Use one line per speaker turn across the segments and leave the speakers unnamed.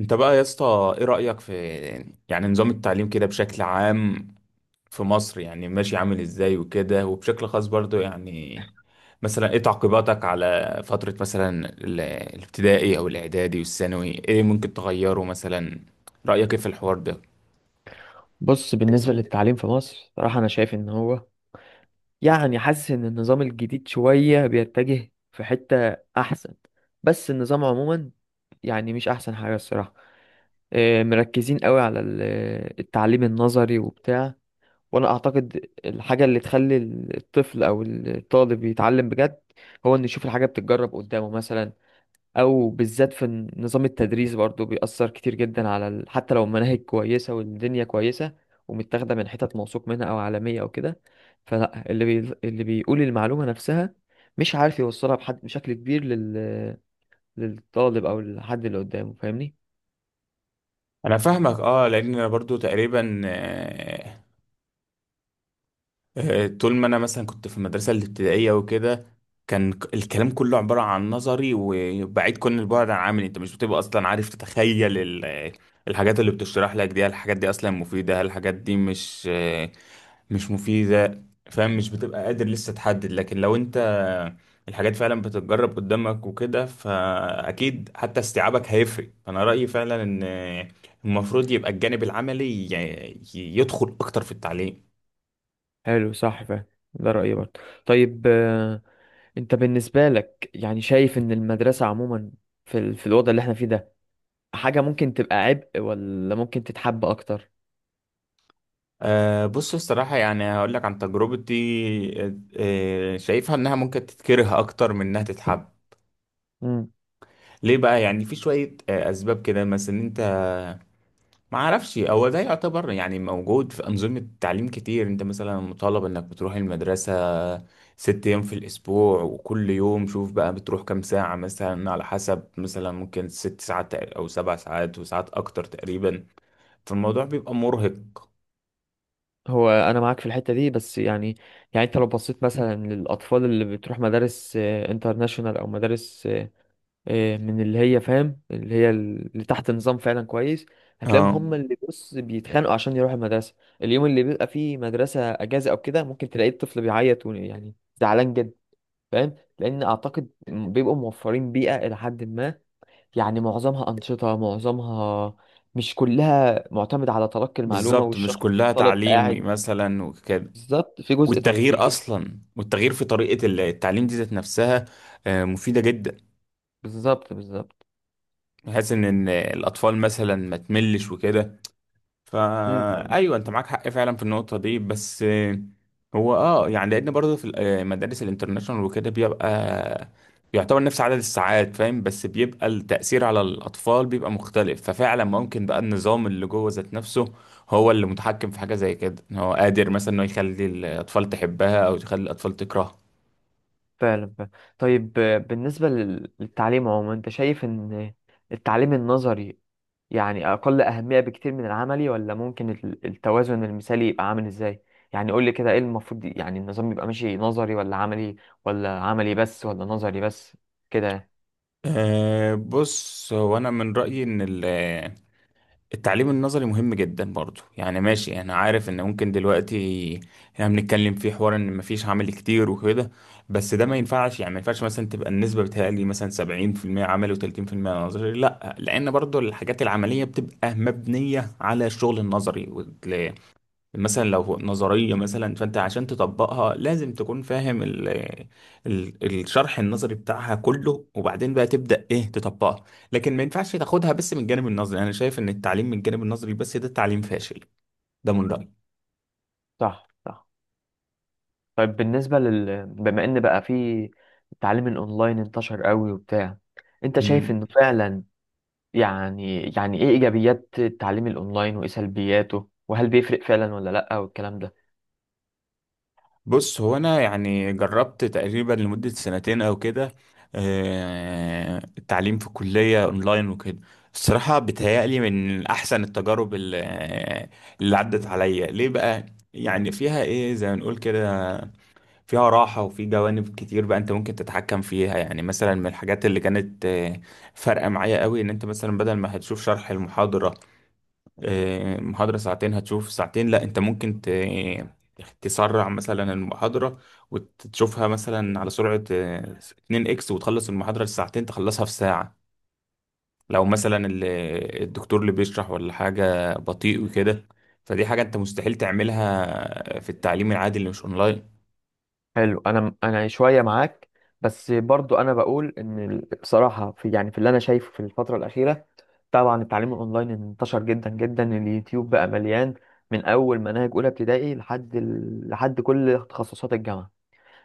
انت بقى يا اسطى، ايه رأيك في يعني نظام التعليم كده بشكل عام في مصر؟ يعني ماشي عامل ازاي وكده، وبشكل خاص برضو يعني مثلا ايه تعقيباتك على فترة مثلا الابتدائي او الاعدادي والثانوي؟ ايه ممكن تغيره مثلا؟ رأيك ايه في الحوار ده؟
بص، بالنسبة للتعليم في مصر صراحة أنا شايف إن هو يعني حاسس إن النظام الجديد شوية بيتجه في حتة أحسن. بس النظام عموما يعني مش أحسن حاجة الصراحة. مركزين قوي التعليم النظري وبتاع. وأنا أعتقد الحاجة اللي تخلي الطفل أو الطالب يتعلم بجد هو إنه يشوف الحاجة بتتجرب قدامه مثلا، او بالذات في نظام التدريس برضو بيأثر كتير جدا حتى لو المناهج كويسة والدنيا كويسة ومتاخدة من حتت موثوق منها او عالمية او كده. فلا اللي بيقول المعلومة نفسها مش عارف يوصلها بحد بشكل كبير للطالب او للحد اللي قدامه، فاهمني؟
انا فاهمك اه، لان انا برضو تقريبا طول ما انا مثلا كنت في المدرسه الابتدائيه وكده، كان الكلام كله عباره عن نظري وبعيد كل البعد عن عملي. انت مش بتبقى اصلا عارف تتخيل الحاجات اللي بتشرح لك دي. هل الحاجات دي اصلا مفيده؟ هل الحاجات دي مش مفيده؟ فاهم، مش بتبقى قادر لسه تحدد. لكن لو انت الحاجات فعلا بتتجرب قدامك وكده، فاكيد حتى استيعابك هيفرق. فانا رايي فعلا ان المفروض يبقى الجانب العملي يدخل اكتر في التعليم.
حلو، صح، فاهم. ده رأيي برضه. طيب، انت بالنسبة لك يعني شايف ان المدرسة عموما في الوضع اللي احنا فيه ده حاجة ممكن تبقى عبء ولا ممكن تتحب اكتر؟
أه بص، الصراحة يعني هقول لك عن تجربتي. أه، شايفها انها ممكن تتكره اكتر من انها تتحب.
مم.
ليه بقى؟ يعني في شوية أه اسباب كده، مثلا إن انت، ما اعرفش هو ده يعتبر يعني موجود في انظمة تعليم كتير، انت مثلا مطالب انك بتروح المدرسة 6 ايام في الاسبوع، وكل يوم شوف بقى بتروح كام ساعة، مثلا على حسب، مثلا ممكن 6 ساعات او 7 ساعات وساعات اكتر تقريبا. فالموضوع بيبقى مرهق.
هو انا معاك في الحته دي بس يعني، يعني انت لو بصيت مثلا للاطفال اللي بتروح مدارس انترناشونال او مدارس من اللي هي فاهم اللي هي اللي تحت نظام فعلا كويس، هتلاقيهم
اه
هم اللي بص بيتخانقوا عشان يروحوا المدرسه. اليوم اللي بيبقى فيه مدرسه اجازه او كده ممكن تلاقي الطفل بيعيط يعني زعلان جدا. فاهم، لان اعتقد بيبقوا موفرين بيئه الى حد ما، يعني معظمها انشطه، معظمها مش كلها معتمد على تلقي المعلومه
بالظبط، مش
والشخص
كلها
الطالب
تعليم
قاعد.
مثلا وكده.
بالظبط، في جزء
والتغيير
ترفيه.
اصلا، والتغيير في طريقه التعليم دي ذات نفسها مفيده جدا،
بالظبط بالظبط.
بحيث ان إن الاطفال مثلا ما تملش وكده.
امم.
فا ايوه، انت معاك حق فعلا في النقطه دي، بس هو اه يعني لان برضه في مدارس الانترناشونال وكده بيبقى يعتبر نفس عدد الساعات، فاهم، بس بيبقى التأثير على الأطفال بيبقى مختلف. ففعلا ممكن بقى النظام اللي جوه ذات نفسه هو اللي متحكم في حاجة زي كده، إن هو قادر مثلا إنه يخلي الأطفال تحبها أو يخلي الأطفال تكرهها.
فعلا فعلا. طيب، بالنسبة للتعليم عموما انت شايف ان التعليم النظري يعني اقل اهمية بكتير من العملي، ولا ممكن التوازن المثالي يبقى عامل ازاي؟ يعني قول لي كده ايه المفروض، يعني النظام يبقى ماشي نظري ولا عملي، ولا عملي بس ولا نظري بس، كده.
أه بص، هو انا من رايي ان التعليم النظري مهم جدا برضو. يعني ماشي، انا عارف ان ممكن دلوقتي احنا بنتكلم في حوار ان مفيش عمل كتير وكده، بس ده ما ينفعش. يعني ما ينفعش مثلا تبقى النسبه بتهيألي مثلا 70% عمل و30% نظري، لا، لان برضو الحاجات العمليه بتبقى مبنيه على الشغل النظري. مثلا لو نظرية مثلا، فأنت عشان تطبقها لازم تكون فاهم ال الشرح النظري بتاعها كله، وبعدين بقى تبدأ إيه تطبقها. لكن ما ينفعش تاخدها بس من الجانب النظري. أنا شايف إن التعليم من الجانب النظري بس ده تعليم فاشل، ده من رأيي.
صح، صح. طيب، بالنسبة بما ان بقى في التعليم الاونلاين انتشر قوي وبتاع، انت شايف
مم.
انه فعلا يعني ايه ايجابيات التعليم الاونلاين وايه سلبياته، وهل بيفرق فعلا ولا لا، والكلام ده؟
بص، هو انا يعني جربت تقريبا لمدة سنتين او كده التعليم في الكلية اونلاين وكده. الصراحة بتهيألي من احسن التجارب اللي عدت عليا. ليه بقى؟ يعني فيها ايه زي ما نقول كده، فيها راحة، وفي جوانب كتير بقى انت ممكن تتحكم فيها. يعني مثلا من الحاجات اللي كانت فارقة معايا قوي، ان انت مثلا بدل ما هتشوف شرح المحاضرة، محاضرة ساعتين هتشوف ساعتين، لا، انت ممكن تسرع مثلا المحاضرة وتشوفها مثلا على سرعة 2 اكس، وتخلص المحاضرة الساعتين تخلصها في ساعة، لو مثلا الدكتور اللي بيشرح ولا حاجة بطيء وكده. فدي حاجة انت مستحيل تعملها في التعليم العادي اللي مش اونلاين.
حلو. انا شويه معاك، بس برضو انا بقول ان بصراحه في، يعني في اللي انا شايفه في الفتره الاخيره، طبعا التعليم الاونلاين انتشر جدا جدا. اليوتيوب بقى مليان، من اول مناهج اولى ابتدائي لحد كل تخصصات الجامعه.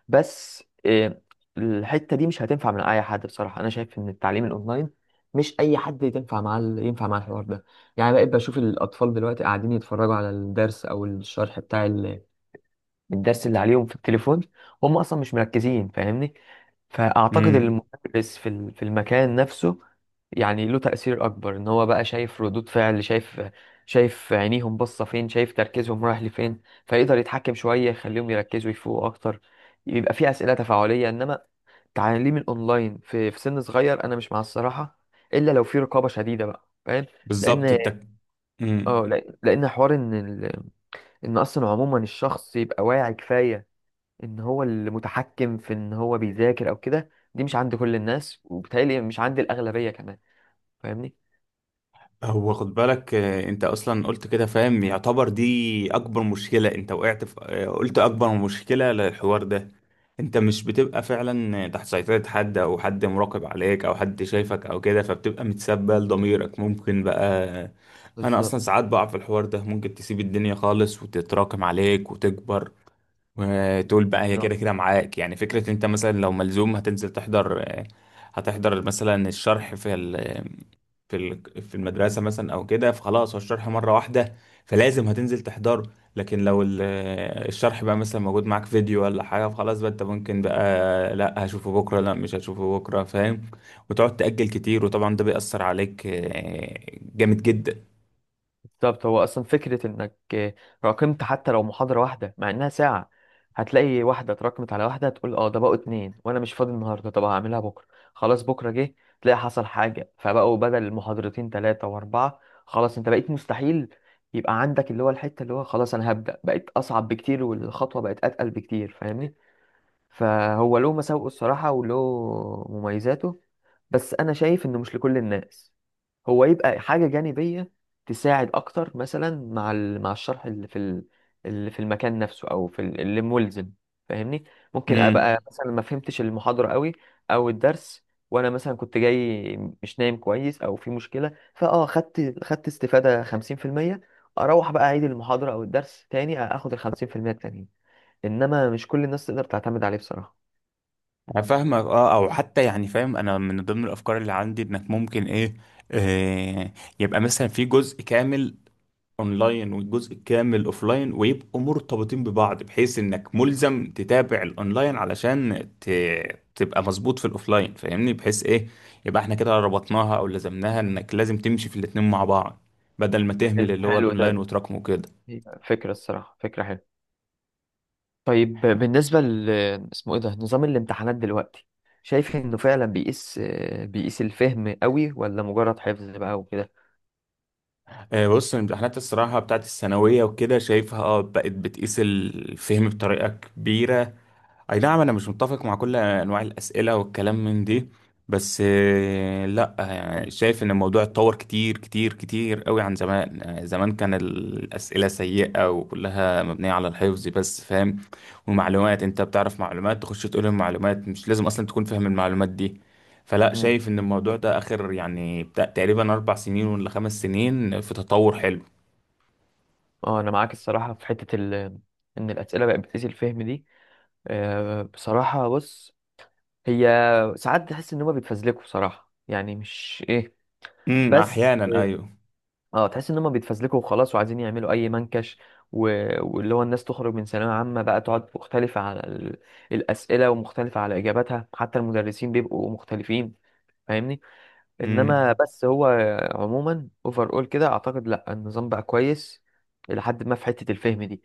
بس الحتة دي مش هتنفع من أي حد. بصراحة أنا شايف إن التعليم الأونلاين مش أي حد ينفع ينفع مع الحوار ده. يعني بقيت بشوف الأطفال دلوقتي قاعدين يتفرجوا على الدرس أو الشرح بتاع الدرس اللي عليهم في التليفون، هم اصلا مش مركزين، فاهمني؟ فاعتقد ان
امم،
المدرس في المكان نفسه يعني له تأثير اكبر، ان هو بقى شايف ردود فعل، شايف عينيهم باصه فين، شايف تركيزهم رايح لفين، فيقدر يتحكم شويه يخليهم يركزوا يفوقوا اكتر، يبقى في اسئله تفاعليه. انما تعليم الاونلاين في سن صغير انا مش مع الصراحه، الا لو في رقابه شديده بقى، فاهم؟
بالظبط.
لان
انت،
اه
امم،
لان لأن حوار ان ان اصلا عموما الشخص يبقى واعي كفايه ان هو المتحكم في ان هو بيذاكر او كده، دي مش عند كل الناس، وبالتالي مش عند الاغلبيه كمان، فاهمني؟
هو خد بالك انت اصلا قلت كده، فاهم، يعتبر دي اكبر مشكلة انت وقعت في، قلت اكبر مشكلة للحوار ده. انت مش بتبقى فعلا تحت سيطرة حد او حد مراقب عليك او حد شايفك او كده، فبتبقى متسبة لضميرك. ممكن بقى آه، انا اصلا
بالظبط.
ساعات بقع في الحوار ده. ممكن تسيب الدنيا خالص وتتراكم عليك وتكبر، وتقول بقى هي
نعم.
كده كده معاك. يعني فكرة انت مثلا لو ملزوم هتنزل تحضر، هتحضر مثلا الشرح في، في في المدرسه مثلا او كده، فخلاص، هو الشرح مره واحده، فلازم هتنزل تحضره. لكن لو الشرح بقى مثلا موجود معاك فيديو ولا حاجه، فخلاص بقى انت ممكن بقى لا هشوفه بكره، لا مش هشوفه بكره، فاهم، وتقعد تأجل كتير، وطبعا ده بيأثر عليك جامد جدا.
بالظبط. هو اصلا فكره انك راكمت حتى لو محاضره واحده مع انها ساعه، هتلاقي واحده اتراكمت على واحده، تقول اه ده بقوا اتنين وانا مش فاضي النهارده، طب هعملها بكره، خلاص بكره جه تلاقي حصل حاجه فبقوا بدل محاضرتين ثلاثه واربعه، خلاص انت بقيت مستحيل يبقى عندك اللي هو الحته اللي هو خلاص انا هبدا، بقت اصعب بكتير والخطوه بقت اتقل بكتير، فاهمني؟ فهو له مساوئه الصراحة وله مميزاته، بس أنا شايف إنه مش لكل الناس. هو يبقى حاجة جانبية تساعد أكتر مثلا مع الشرح اللي اللي في المكان نفسه، أو اللي ملزم، فاهمني؟ ممكن
امم.
أبقى مثلا ما فهمتش المحاضرة قوي أو الدرس، وأنا مثلا كنت جاي مش نايم كويس أو في مشكلة، فأه خدت استفادة 50%، أروح بقى أعيد المحاضرة أو الدرس تاني أخد ال 50% التانيين. انما مش كل الناس تقدر تعتمد عليه بصراحه.
فاهمك اه. او حتى يعني، فاهم، انا من ضمن الافكار اللي عندي انك ممكن ايه، آه، يبقى مثلا في جزء كامل اونلاين والجزء الكامل اوفلاين، ويبقوا مرتبطين ببعض، بحيث انك ملزم تتابع الاونلاين علشان تبقى مظبوط في الاوفلاين، فاهمني، بحيث ايه، يبقى احنا كده ربطناها او لزمناها انك لازم تمشي في الاتنين مع بعض، بدل ما تهمل
حلو،
اللي هو
حلو
الاونلاين
ده.
وتراكمه كده.
هي فكره الصراحه، فكره حلوه. طيب بالنسبه اسمه ايه ده، نظام الامتحانات دلوقتي شايف انه فعلا بيقيس، بيقيس الفهم قوي ولا مجرد حفظ بقى وكده؟
بص، الامتحانات الصراحه بتاعت الثانويه وكده، شايفها اه بقت بتقيس الفهم بطريقه كبيره. اي نعم، انا مش متفق مع كل انواع الاسئله والكلام من دي، بس لا، يعني شايف ان الموضوع اتطور كتير كتير كتير قوي عن زمان. زمان كان الاسئله سيئه وكلها مبنيه على الحفظ بس، فاهم، ومعلومات انت بتعرف معلومات، تخش تقول المعلومات، مش لازم اصلا تكون فاهم المعلومات دي. فلا،
مم.
شايف ان الموضوع ده اخر يعني بتاع تقريبا 4 سنين ولا 5 سنين في تطور حلو.
اه انا معاك الصراحه في حته ان الاسئله بقت بتقيس الفهم دي. آه بصراحه بص، هي ساعات تحس ان هما بيتفزلكوا بصراحه، يعني مش ايه، بس
احيانا ايوه.
اه تحس ان هم بيتفزلكوا وخلاص وعايزين يعملوا اي منكش و... واللي هو الناس تخرج من ثانويه عامه بقى تقعد مختلفه على الاسئله ومختلفه على اجاباتها، حتى المدرسين بيبقوا مختلفين، فاهمني؟ انما
امم.
بس هو عموما اوفر اول كده اعتقد لا النظام بقى كويس الى حد ما في حته الفهم دي.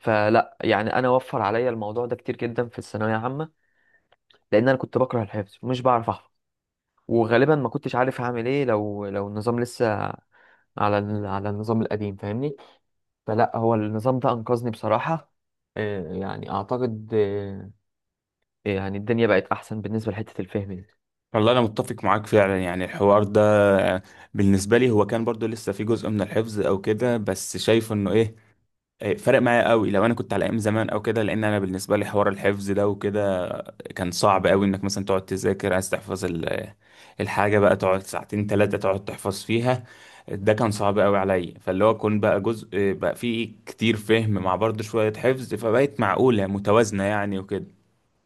فلا يعني انا وفر عليا الموضوع ده كتير جدا في الثانويه العامه، لان انا كنت بكره الحفظ ومش بعرف احفظ، وغالبا ما كنتش عارف هعمل ايه لو النظام لسه على النظام القديم، فاهمني؟ فلا هو النظام ده انقذني بصراحة. يعني اعتقد، يعني الدنيا بقت احسن بالنسبة لحتة الفهم دي.
والله انا متفق معاك فعلا. يعني الحوار ده آه، بالنسبه لي هو كان برضو لسه في جزء من الحفظ او كده، بس شايف انه ايه، فرق معايا قوي. لو انا كنت على ايام زمان او كده، لان انا بالنسبه لي حوار الحفظ ده وكده كان صعب قوي، انك مثلا تقعد تذاكر عايز تحفظ الحاجه، بقى تقعد ساعتين ثلاثه تقعد تحفظ فيها، ده كان صعب قوي عليا. فاللي هو كون بقى جزء بقى فيه كتير فهم مع برضو شويه حفظ، فبقت معقوله متوازنه يعني وكده.